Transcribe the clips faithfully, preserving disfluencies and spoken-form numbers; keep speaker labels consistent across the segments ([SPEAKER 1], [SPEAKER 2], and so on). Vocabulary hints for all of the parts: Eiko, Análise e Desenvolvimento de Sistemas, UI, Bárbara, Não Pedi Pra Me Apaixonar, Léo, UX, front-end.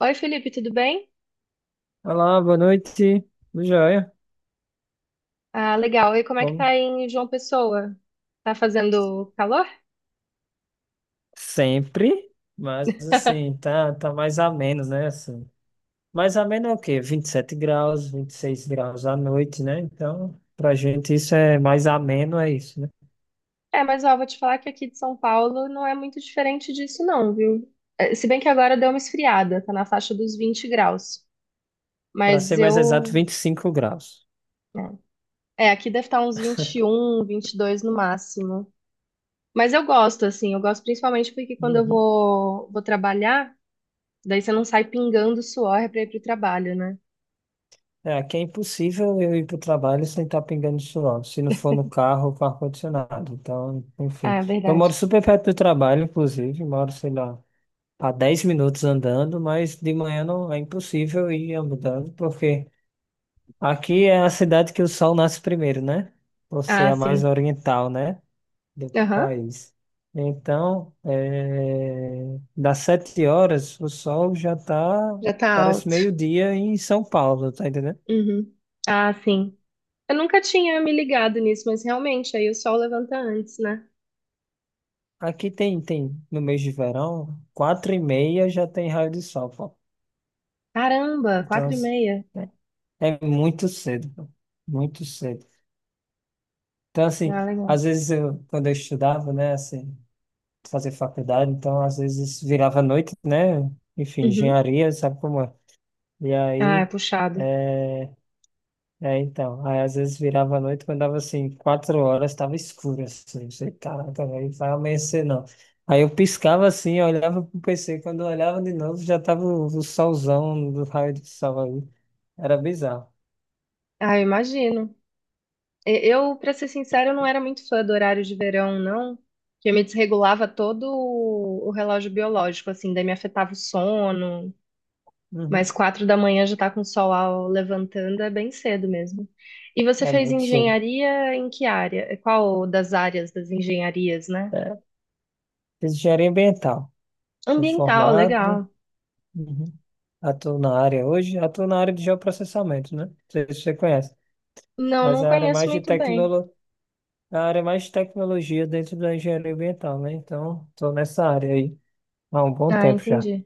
[SPEAKER 1] Oi, Felipe, tudo bem?
[SPEAKER 2] Olá, boa noite. Tudo jóia?
[SPEAKER 1] Ah, legal. E como é que tá
[SPEAKER 2] Como
[SPEAKER 1] aí em João Pessoa? Tá fazendo calor?
[SPEAKER 2] sempre, mas assim, tá, tá mais a menos, né? Assim, mais a menos é o quê? Vinte e sete graus, vinte e seis graus à noite, né? Então, pra gente isso é mais ameno, é isso, né?
[SPEAKER 1] É, mas ó, vou te falar que aqui de São Paulo não é muito diferente disso, não, viu? Eh, Se bem que agora deu uma esfriada, tá na faixa dos vinte graus.
[SPEAKER 2] Pra
[SPEAKER 1] Mas
[SPEAKER 2] ser mais exato,
[SPEAKER 1] eu.
[SPEAKER 2] vinte e cinco graus.
[SPEAKER 1] Né. É, aqui deve estar uns um, vinte e um, dois no máximo. Mas eu gosto, assim, eu gosto principalmente porque quando eu
[SPEAKER 2] Uhum.
[SPEAKER 1] vou, vou trabalhar, daí você não sai pingando suor pra ir pro trabalho, né?
[SPEAKER 2] É, aqui é impossível eu ir pro trabalho sem estar pingando suor, se não for no carro ou com ar-condicionado. Então,
[SPEAKER 1] Ah,
[SPEAKER 2] enfim.
[SPEAKER 1] é
[SPEAKER 2] Eu moro
[SPEAKER 1] verdade.
[SPEAKER 2] super perto do trabalho, inclusive, moro, sei lá, a dez minutos andando, mas de manhã não é impossível ir andando, porque aqui é a cidade que o sol nasce primeiro, né? Você
[SPEAKER 1] Ah,
[SPEAKER 2] é a mais
[SPEAKER 1] sim.
[SPEAKER 2] oriental, né? Do
[SPEAKER 1] Aham,
[SPEAKER 2] país. Então, eh, das sete horas, o sol já tá,
[SPEAKER 1] já tá
[SPEAKER 2] parece
[SPEAKER 1] alto.
[SPEAKER 2] meio-dia em São Paulo, tá entendendo?
[SPEAKER 1] Uhum. Ah, sim. Eu nunca tinha me ligado nisso, mas realmente, aí o sol levanta antes, né?
[SPEAKER 2] Aqui tem, tem, no mês de verão, quatro e meia já tem raio de sol, pô.
[SPEAKER 1] Caramba,
[SPEAKER 2] Então,
[SPEAKER 1] quatro e meia.
[SPEAKER 2] é é muito cedo, pô. Muito cedo. Então, assim,
[SPEAKER 1] Ah, legal.
[SPEAKER 2] às vezes eu, quando eu estudava, né, assim, fazer faculdade, então às vezes virava à noite, né, enfim,
[SPEAKER 1] Uhum.
[SPEAKER 2] engenharia, sabe como é? E
[SPEAKER 1] Ah, é
[SPEAKER 2] aí,
[SPEAKER 1] puxado.
[SPEAKER 2] é, é então, aí às vezes virava à noite, quando dava assim, quatro horas, estava escuro, assim, eu sei, caraca, aí vai amanhecer não. Aí eu piscava assim, eu olhava pro P C, quando eu olhava de novo, já tava o, o solzão do raio do sol aí, era bizarro.
[SPEAKER 1] Ah, eu imagino. E- Eu, pra ser sincero, eu não era muito fã do horário de verão, não. Que eu me desregulava todo o o relógio biológico, assim, daí me afetava o sono.
[SPEAKER 2] Uhum.
[SPEAKER 1] Mas quatro da manhã já tá com o sol ao- levantando, é bem cedo mesmo. E você
[SPEAKER 2] É
[SPEAKER 1] fez
[SPEAKER 2] muito cedo.
[SPEAKER 1] engenharia em que área? Qual das áreas das engenharias, né?
[SPEAKER 2] É, fiz engenharia ambiental, sou
[SPEAKER 1] Ambiental,
[SPEAKER 2] formado.
[SPEAKER 1] legal.
[SPEAKER 2] Uhum. Atuo na área hoje, atuo na área de geoprocessamento, né? Não sei se você conhece,
[SPEAKER 1] Não,
[SPEAKER 2] mas
[SPEAKER 1] não
[SPEAKER 2] é a área
[SPEAKER 1] conheço
[SPEAKER 2] mais de
[SPEAKER 1] muito bem.
[SPEAKER 2] tecnolo... é a área mais de tecnologia dentro da engenharia ambiental, né? Então, estou nessa área aí há um bom
[SPEAKER 1] Ah,
[SPEAKER 2] tempo já.
[SPEAKER 1] entendi.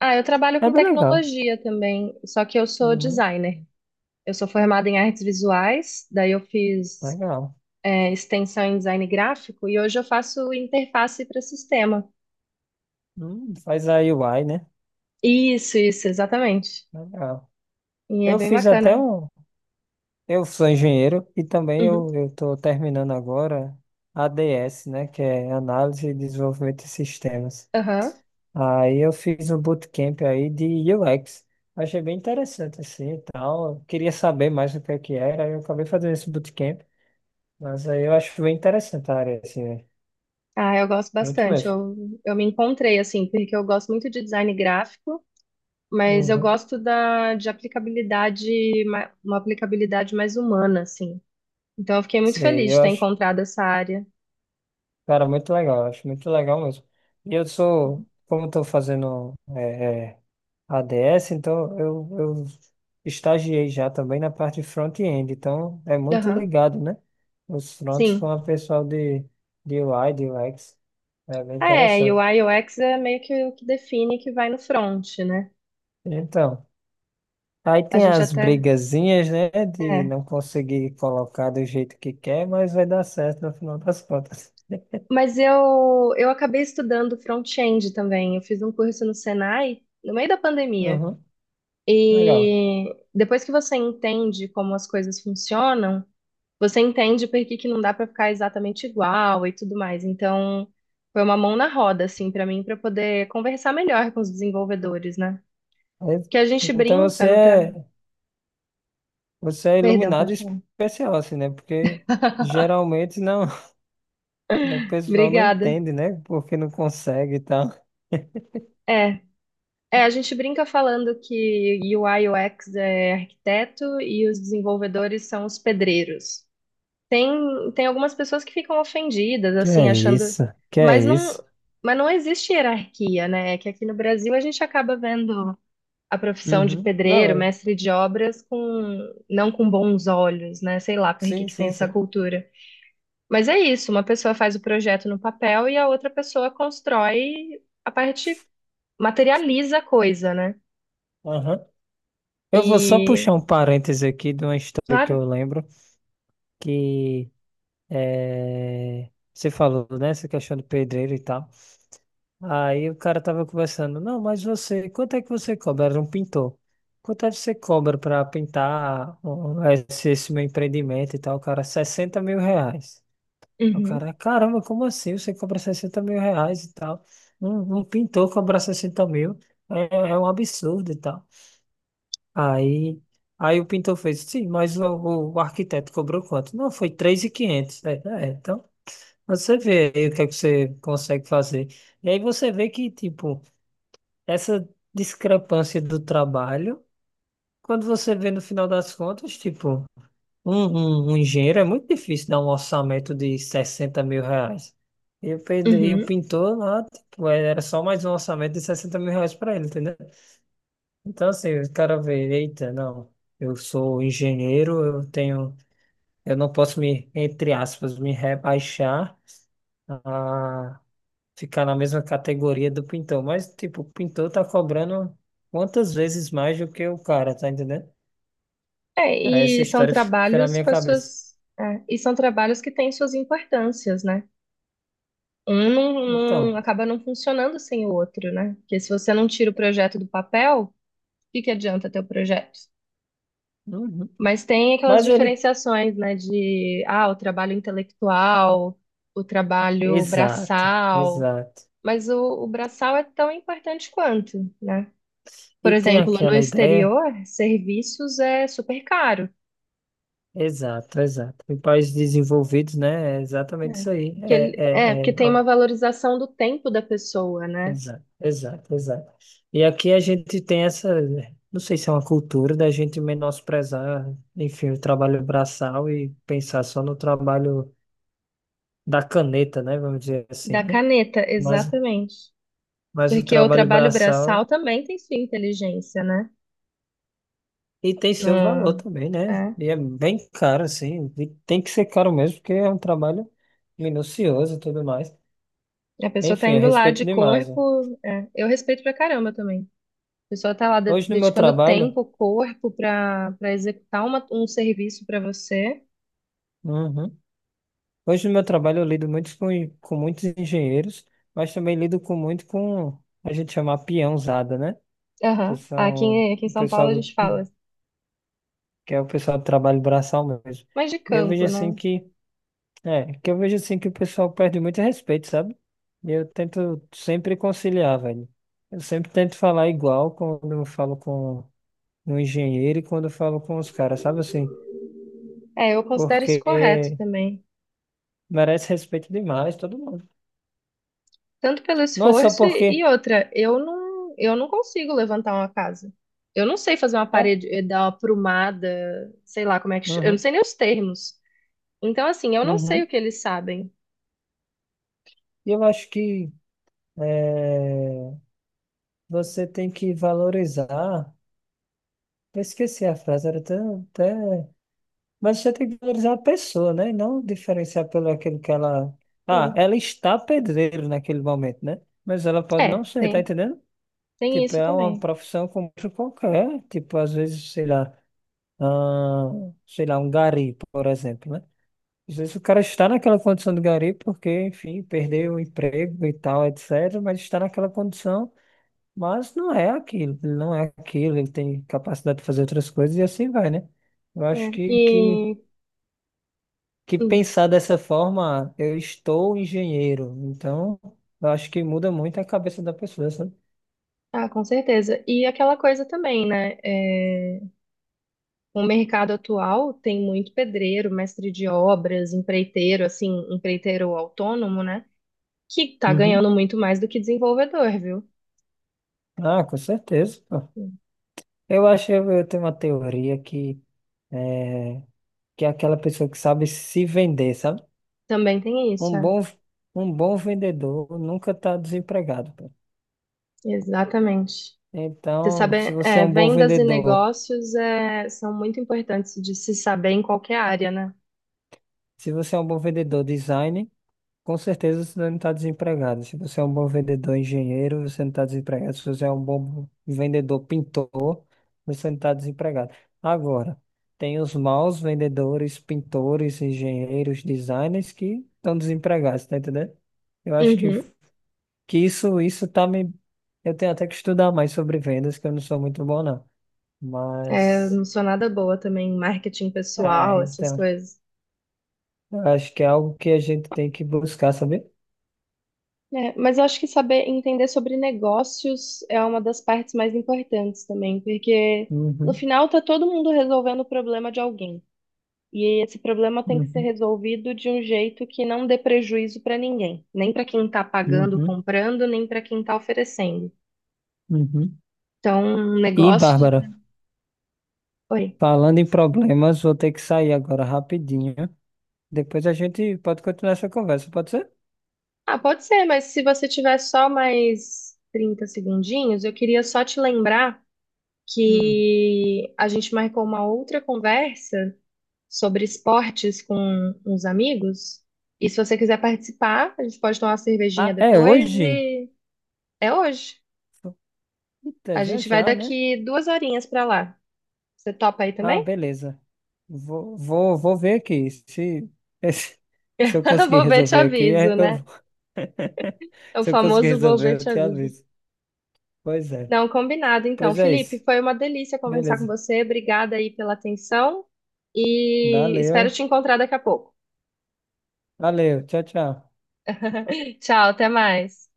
[SPEAKER 1] Ah, eu trabalho
[SPEAKER 2] É
[SPEAKER 1] com
[SPEAKER 2] bem legal.
[SPEAKER 1] tecnologia também, só que eu sou
[SPEAKER 2] Uhum.
[SPEAKER 1] designer. Eu sou formada em artes visuais, daí eu fiz,
[SPEAKER 2] Legal.
[SPEAKER 1] é, extensão em design gráfico e hoje eu faço interface para sistema.
[SPEAKER 2] Hum, faz a U I, né?
[SPEAKER 1] Isso, isso, exatamente.
[SPEAKER 2] Legal.
[SPEAKER 1] E é
[SPEAKER 2] Eu
[SPEAKER 1] bem
[SPEAKER 2] fiz até
[SPEAKER 1] bacana.
[SPEAKER 2] um. Eu sou engenheiro e também
[SPEAKER 1] Uhum.
[SPEAKER 2] eu eu estou terminando agora A D S, né? Que é Análise e Desenvolvimento de Sistemas.
[SPEAKER 1] Aham.
[SPEAKER 2] Aí eu fiz um bootcamp aí de U X. Achei bem interessante assim e tal. Eu queria saber mais o que é que era, aí eu acabei fazendo esse bootcamp. Mas aí eu acho bem interessante a área, assim, né?
[SPEAKER 1] Ah, eu gosto
[SPEAKER 2] Muito
[SPEAKER 1] bastante.
[SPEAKER 2] mesmo.
[SPEAKER 1] Eu, eu me encontrei, assim, porque eu gosto muito de design gráfico. Mas eu
[SPEAKER 2] Uhum.
[SPEAKER 1] gosto da, de aplicabilidade, ma- uma aplicabilidade mais humana, assim. Então eu fiquei muito
[SPEAKER 2] Sei,
[SPEAKER 1] feliz de
[SPEAKER 2] eu
[SPEAKER 1] ter
[SPEAKER 2] acho,
[SPEAKER 1] encontrado essa área.
[SPEAKER 2] cara, muito legal, eu acho muito legal mesmo. E eu sou, como estou fazendo é, é, A D S, então eu, eu estagiei já também na parte de front-end, então é muito
[SPEAKER 1] Aham,
[SPEAKER 2] ligado, né? Os fronts com
[SPEAKER 1] sim.
[SPEAKER 2] o pessoal de, de U I, de U X, é bem
[SPEAKER 1] É, e o U
[SPEAKER 2] interessante.
[SPEAKER 1] I U X é meio que o que define que vai no front, né?
[SPEAKER 2] Então, aí
[SPEAKER 1] A
[SPEAKER 2] tem
[SPEAKER 1] gente
[SPEAKER 2] as
[SPEAKER 1] até.
[SPEAKER 2] brigazinhas, né, de
[SPEAKER 1] É.
[SPEAKER 2] não conseguir colocar do jeito que quer, mas vai dar certo no final das contas.
[SPEAKER 1] Mas eu, eu acabei estudando front-end também. Eu fiz um curso no Senai, no meio da pandemia.
[SPEAKER 2] Uhum, legal.
[SPEAKER 1] E depois que você entende como as coisas funcionam, você entende por que que não dá para ficar exatamente igual e tudo mais. Então, foi uma mão na roda, assim, para mim, para poder conversar melhor com os desenvolvedores, né?
[SPEAKER 2] Aí-
[SPEAKER 1] Que a gente
[SPEAKER 2] Então
[SPEAKER 1] brinca
[SPEAKER 2] você
[SPEAKER 1] no tra...
[SPEAKER 2] é, você é
[SPEAKER 1] Perdão,
[SPEAKER 2] iluminado
[SPEAKER 1] pode falar.
[SPEAKER 2] especial, assim, né? Porque geralmente não. O pessoal não
[SPEAKER 1] Obrigada.
[SPEAKER 2] entende, né? Porque não consegue e tal.
[SPEAKER 1] É, é, a gente brinca falando que U I X é arquiteto e os desenvolvedores são os pedreiros. Tem, tem algumas pessoas que ficam ofendidas,
[SPEAKER 2] Que
[SPEAKER 1] assim,
[SPEAKER 2] é
[SPEAKER 1] achando.
[SPEAKER 2] isso? Que é
[SPEAKER 1] Mas
[SPEAKER 2] isso?
[SPEAKER 1] não, mas não existe hierarquia, né? É que aqui no Brasil a gente acaba vendo a profissão de
[SPEAKER 2] Uhum. Não,
[SPEAKER 1] pedreiro,
[SPEAKER 2] é.
[SPEAKER 1] mestre de obras, com não com bons olhos, né? Sei lá por que
[SPEAKER 2] Sim,
[SPEAKER 1] que tem
[SPEAKER 2] sim,
[SPEAKER 1] essa
[SPEAKER 2] sim.
[SPEAKER 1] cultura. Mas é isso, uma pessoa faz o projeto no papel e a outra pessoa constrói a parte, materializa a coisa, né?
[SPEAKER 2] Aham. Eu vou só puxar
[SPEAKER 1] E,
[SPEAKER 2] um parêntese aqui de uma história que eu
[SPEAKER 1] claro,
[SPEAKER 2] lembro, que é... você falou, né? Essa questão do pedreiro e tal. Aí o cara tava conversando, não, mas você, quanto é que você cobra? Era um pintor. Quanto é que você cobra pra pintar ó, esse, esse meu empreendimento e tal? O cara, sessenta mil reais. O
[SPEAKER 1] uhum,
[SPEAKER 2] cara, caramba, como assim? Você cobra sessenta mil reais e tal. Um, um pintor cobrar sessenta mil é, é um absurdo e tal. Aí, aí o pintor fez, sim, mas o, o- o arquiteto cobrou quanto? Não, foi três mil e quinhentos. É, é, então, você vê aí o que é que você consegue fazer. E aí você vê que, tipo, essa discrepância do trabalho, quando você vê no final das contas, tipo. Um, um, um engenheiro é muito difícil dar um orçamento de sessenta mil reais. E o, pedre- e o
[SPEAKER 1] uhum.
[SPEAKER 2] pintor lá, tipo, é, era só mais um orçamento de sessenta mil reais para ele, entendeu? Então, assim, o cara vê, eita, não, eu sou engenheiro, eu tenho, eu não posso me, entre aspas, me rebaixar a ficar na mesma categoria do pintor. Mas, tipo, o pintor tá cobrando quantas vezes mais do que o cara, tá entendendo?
[SPEAKER 1] É,
[SPEAKER 2] Aí essa
[SPEAKER 1] e são
[SPEAKER 2] história fica na
[SPEAKER 1] trabalhos
[SPEAKER 2] minha
[SPEAKER 1] com as
[SPEAKER 2] cabeça.
[SPEAKER 1] suas, é, e são trabalhos que têm suas importâncias, né? Um não, não
[SPEAKER 2] Então.
[SPEAKER 1] acaba não funcionando sem o outro, né? Porque se você não tira o projeto do papel, o que que adianta ter o projeto?
[SPEAKER 2] Uhum.
[SPEAKER 1] Mas tem aquelas
[SPEAKER 2] Mas ele.
[SPEAKER 1] diferenciações, né, de ah, o trabalho intelectual, o trabalho
[SPEAKER 2] Exato,
[SPEAKER 1] braçal,
[SPEAKER 2] exato.
[SPEAKER 1] mas o, o braçal é tão importante quanto, né? Por
[SPEAKER 2] E tem
[SPEAKER 1] exemplo, no
[SPEAKER 2] aquela ideia,
[SPEAKER 1] exterior, serviços é super caro,
[SPEAKER 2] exato, exato. Em países desenvolvidos, né? É exatamente
[SPEAKER 1] né?
[SPEAKER 2] isso aí.
[SPEAKER 1] Que
[SPEAKER 2] É,
[SPEAKER 1] ele, é,
[SPEAKER 2] é,
[SPEAKER 1] porque
[SPEAKER 2] é,
[SPEAKER 1] tem
[SPEAKER 2] ó,
[SPEAKER 1] uma valorização do tempo da pessoa, né?
[SPEAKER 2] exato, exato, exato. E aqui a gente tem essa, não sei se é uma cultura da gente menosprezar, enfim, o trabalho braçal e pensar só no trabalho da caneta, né? Vamos dizer assim,
[SPEAKER 1] Da
[SPEAKER 2] né?
[SPEAKER 1] caneta,
[SPEAKER 2] Mas,
[SPEAKER 1] exatamente.
[SPEAKER 2] mas o
[SPEAKER 1] Porque o
[SPEAKER 2] trabalho
[SPEAKER 1] trabalho
[SPEAKER 2] braçal.
[SPEAKER 1] braçal também tem sua inteligência, né?
[SPEAKER 2] E tem seu valor
[SPEAKER 1] Não-
[SPEAKER 2] também, né?
[SPEAKER 1] é.
[SPEAKER 2] E é bem caro, assim. E tem que ser caro mesmo, porque é um trabalho minucioso e tudo mais.
[SPEAKER 1] A pessoa tá
[SPEAKER 2] Enfim, eu
[SPEAKER 1] indo lá
[SPEAKER 2] respeito
[SPEAKER 1] de
[SPEAKER 2] demais, né?
[SPEAKER 1] corpo. É. Eu respeito pra caramba também. A pessoa está lá de-
[SPEAKER 2] Hoje no meu
[SPEAKER 1] dedicando
[SPEAKER 2] trabalho.
[SPEAKER 1] tempo, corpo para para executar uma- um serviço para você.
[SPEAKER 2] Uhum. Hoje no meu trabalho eu lido muito com, com muitos engenheiros, mas também lido com muito com a gente chama peãozada, né? Que
[SPEAKER 1] Aham. Aqui,
[SPEAKER 2] são
[SPEAKER 1] em- aqui em
[SPEAKER 2] o
[SPEAKER 1] São Paulo
[SPEAKER 2] pessoal
[SPEAKER 1] a
[SPEAKER 2] do,
[SPEAKER 1] gente fala
[SPEAKER 2] que é o pessoal do trabalho braçal mesmo.
[SPEAKER 1] mais de
[SPEAKER 2] E eu vejo
[SPEAKER 1] campo,
[SPEAKER 2] assim
[SPEAKER 1] né?
[SPEAKER 2] que É, Que eu vejo assim que o pessoal perde muito respeito, sabe? E eu tento sempre conciliar, velho. Eu sempre tento falar igual quando eu falo com um engenheiro e quando eu falo com os caras, sabe assim?
[SPEAKER 1] É, eu considero isso
[SPEAKER 2] Porque
[SPEAKER 1] correto também.
[SPEAKER 2] merece respeito demais todo mundo.
[SPEAKER 1] Tanto pelo
[SPEAKER 2] Não é só
[SPEAKER 1] esforço e,
[SPEAKER 2] porque.
[SPEAKER 1] e outra, eu não, eu não consigo levantar uma casa. Eu não sei fazer uma
[SPEAKER 2] É,
[SPEAKER 1] parede, eh, dar uma aprumada, sei lá como é que. ch- Eu não
[SPEAKER 2] uhum,
[SPEAKER 1] sei nem os termos. Então, assim, eu não sei o
[SPEAKER 2] uhum.
[SPEAKER 1] que eles sabem.
[SPEAKER 2] E eu acho que é, você tem que valorizar. Eu esqueci a frase, era até, até. Mas você tem que valorizar a pessoa, né? E não diferenciar pelo aquilo que ela. Ah,
[SPEAKER 1] Sim.
[SPEAKER 2] ela está pedreiro naquele momento, né? Mas ela pode
[SPEAKER 1] É,
[SPEAKER 2] não ser, tá
[SPEAKER 1] tem,
[SPEAKER 2] entendendo?
[SPEAKER 1] tem
[SPEAKER 2] Tipo,
[SPEAKER 1] isso
[SPEAKER 2] é uma
[SPEAKER 1] também.
[SPEAKER 2] profissão como outra qualquer. Tipo, às vezes, sei lá, ah, sei lá, um gari, por exemplo, né? Às vezes o cara está naquela condição de gari porque, enfim, perdeu o emprego e tal, et cetera. Mas está naquela condição, mas não é aquilo, ele não é aquilo, ele tem capacidade de fazer outras coisas e assim vai, né? Eu acho
[SPEAKER 1] Né.
[SPEAKER 2] que, que
[SPEAKER 1] E.
[SPEAKER 2] que pensar dessa forma, eu estou engenheiro, então eu acho que muda muito a cabeça da pessoa, sabe?
[SPEAKER 1] Ah, com certeza. E aquela coisa também, né? É, o mercado atual tem muito pedreiro, mestre de obras, empreiteiro, assim, empreiteiro autônomo, né? Que tá
[SPEAKER 2] Uhum.
[SPEAKER 1] ganhando muito mais do que desenvolvedor, viu?
[SPEAKER 2] Ah, com certeza, pô. Eu acho, eu eu tenho uma teoria que é, que é aquela pessoa que sabe se vender, sabe?
[SPEAKER 1] Também tem isso,
[SPEAKER 2] Um
[SPEAKER 1] é.
[SPEAKER 2] bom, um bom vendedor nunca está desempregado, pô.
[SPEAKER 1] Exatamente. Você
[SPEAKER 2] Então,
[SPEAKER 1] sabe,
[SPEAKER 2] se você é
[SPEAKER 1] é,
[SPEAKER 2] um bom
[SPEAKER 1] vendas e
[SPEAKER 2] vendedor,
[SPEAKER 1] negócios é, são muito importantes de se saber em qualquer área, né?
[SPEAKER 2] se você é um bom vendedor design, com certeza você não está desempregado. Se você é um bom vendedor, engenheiro, você não está desempregado. Se você é um bom vendedor, pintor, você não está desempregado. Agora, tem os maus vendedores, pintores, engenheiros, designers que estão desempregados, tá entendendo? Eu acho que,
[SPEAKER 1] Uhum.
[SPEAKER 2] que isso, isso tá me. Eu tenho até que estudar mais sobre vendas, que eu não sou muito bom, não.
[SPEAKER 1] É, eu
[SPEAKER 2] Mas,
[SPEAKER 1] não sou nada boa também em marketing
[SPEAKER 2] é,
[SPEAKER 1] pessoal, essas
[SPEAKER 2] então,
[SPEAKER 1] coisas.
[SPEAKER 2] eu acho que é algo que a gente tem que buscar, sabe?
[SPEAKER 1] É, mas eu acho que saber entender sobre negócios é uma das partes mais importantes também, porque no
[SPEAKER 2] Uhum,
[SPEAKER 1] final tá todo mundo resolvendo o problema de alguém. E esse problema tem que ser
[SPEAKER 2] uhum,
[SPEAKER 1] resolvido de um jeito que não dê prejuízo para ninguém, nem para quem tá pagando,
[SPEAKER 2] uhum,
[SPEAKER 1] comprando, nem para quem tá oferecendo.
[SPEAKER 2] uhum.
[SPEAKER 1] Então,
[SPEAKER 2] E,
[SPEAKER 1] negócios.
[SPEAKER 2] Bárbara,
[SPEAKER 1] Oi.
[SPEAKER 2] falando em problemas, vou ter que sair agora rapidinho. Depois a gente pode continuar essa conversa, pode ser?
[SPEAKER 1] Ah, pode ser, mas se você tiver só mais trinta segundinhos, eu queria só te lembrar
[SPEAKER 2] Hum.
[SPEAKER 1] que a gente marcou uma outra conversa sobre esportes com uns amigos. E se você quiser participar, a gente pode tomar uma cervejinha
[SPEAKER 2] Ah, é
[SPEAKER 1] depois
[SPEAKER 2] hoje?
[SPEAKER 1] e é hoje.
[SPEAKER 2] Eita,
[SPEAKER 1] A
[SPEAKER 2] já
[SPEAKER 1] gente vai
[SPEAKER 2] já, né?
[SPEAKER 1] daqui duas horinhas pra lá. Você topa aí
[SPEAKER 2] Ah,
[SPEAKER 1] também?
[SPEAKER 2] beleza. Vou, vou, vou ver aqui. Se, se eu conseguir
[SPEAKER 1] Vou ver, te
[SPEAKER 2] resolver aqui,
[SPEAKER 1] aviso,
[SPEAKER 2] é, eu...
[SPEAKER 1] né? É o
[SPEAKER 2] se eu conseguir
[SPEAKER 1] famoso vou ver,
[SPEAKER 2] resolver, eu
[SPEAKER 1] te
[SPEAKER 2] te
[SPEAKER 1] aviso.
[SPEAKER 2] aviso. Pois é.
[SPEAKER 1] Não, combinado então.
[SPEAKER 2] Pois é
[SPEAKER 1] Felipe,
[SPEAKER 2] isso.
[SPEAKER 1] foi uma delícia conversar com
[SPEAKER 2] Beleza.
[SPEAKER 1] você. Obrigada aí pela atenção e espero
[SPEAKER 2] Valeu.
[SPEAKER 1] te encontrar daqui a pouco.
[SPEAKER 2] Valeu. Tchau, tchau.
[SPEAKER 1] Tchau, até mais.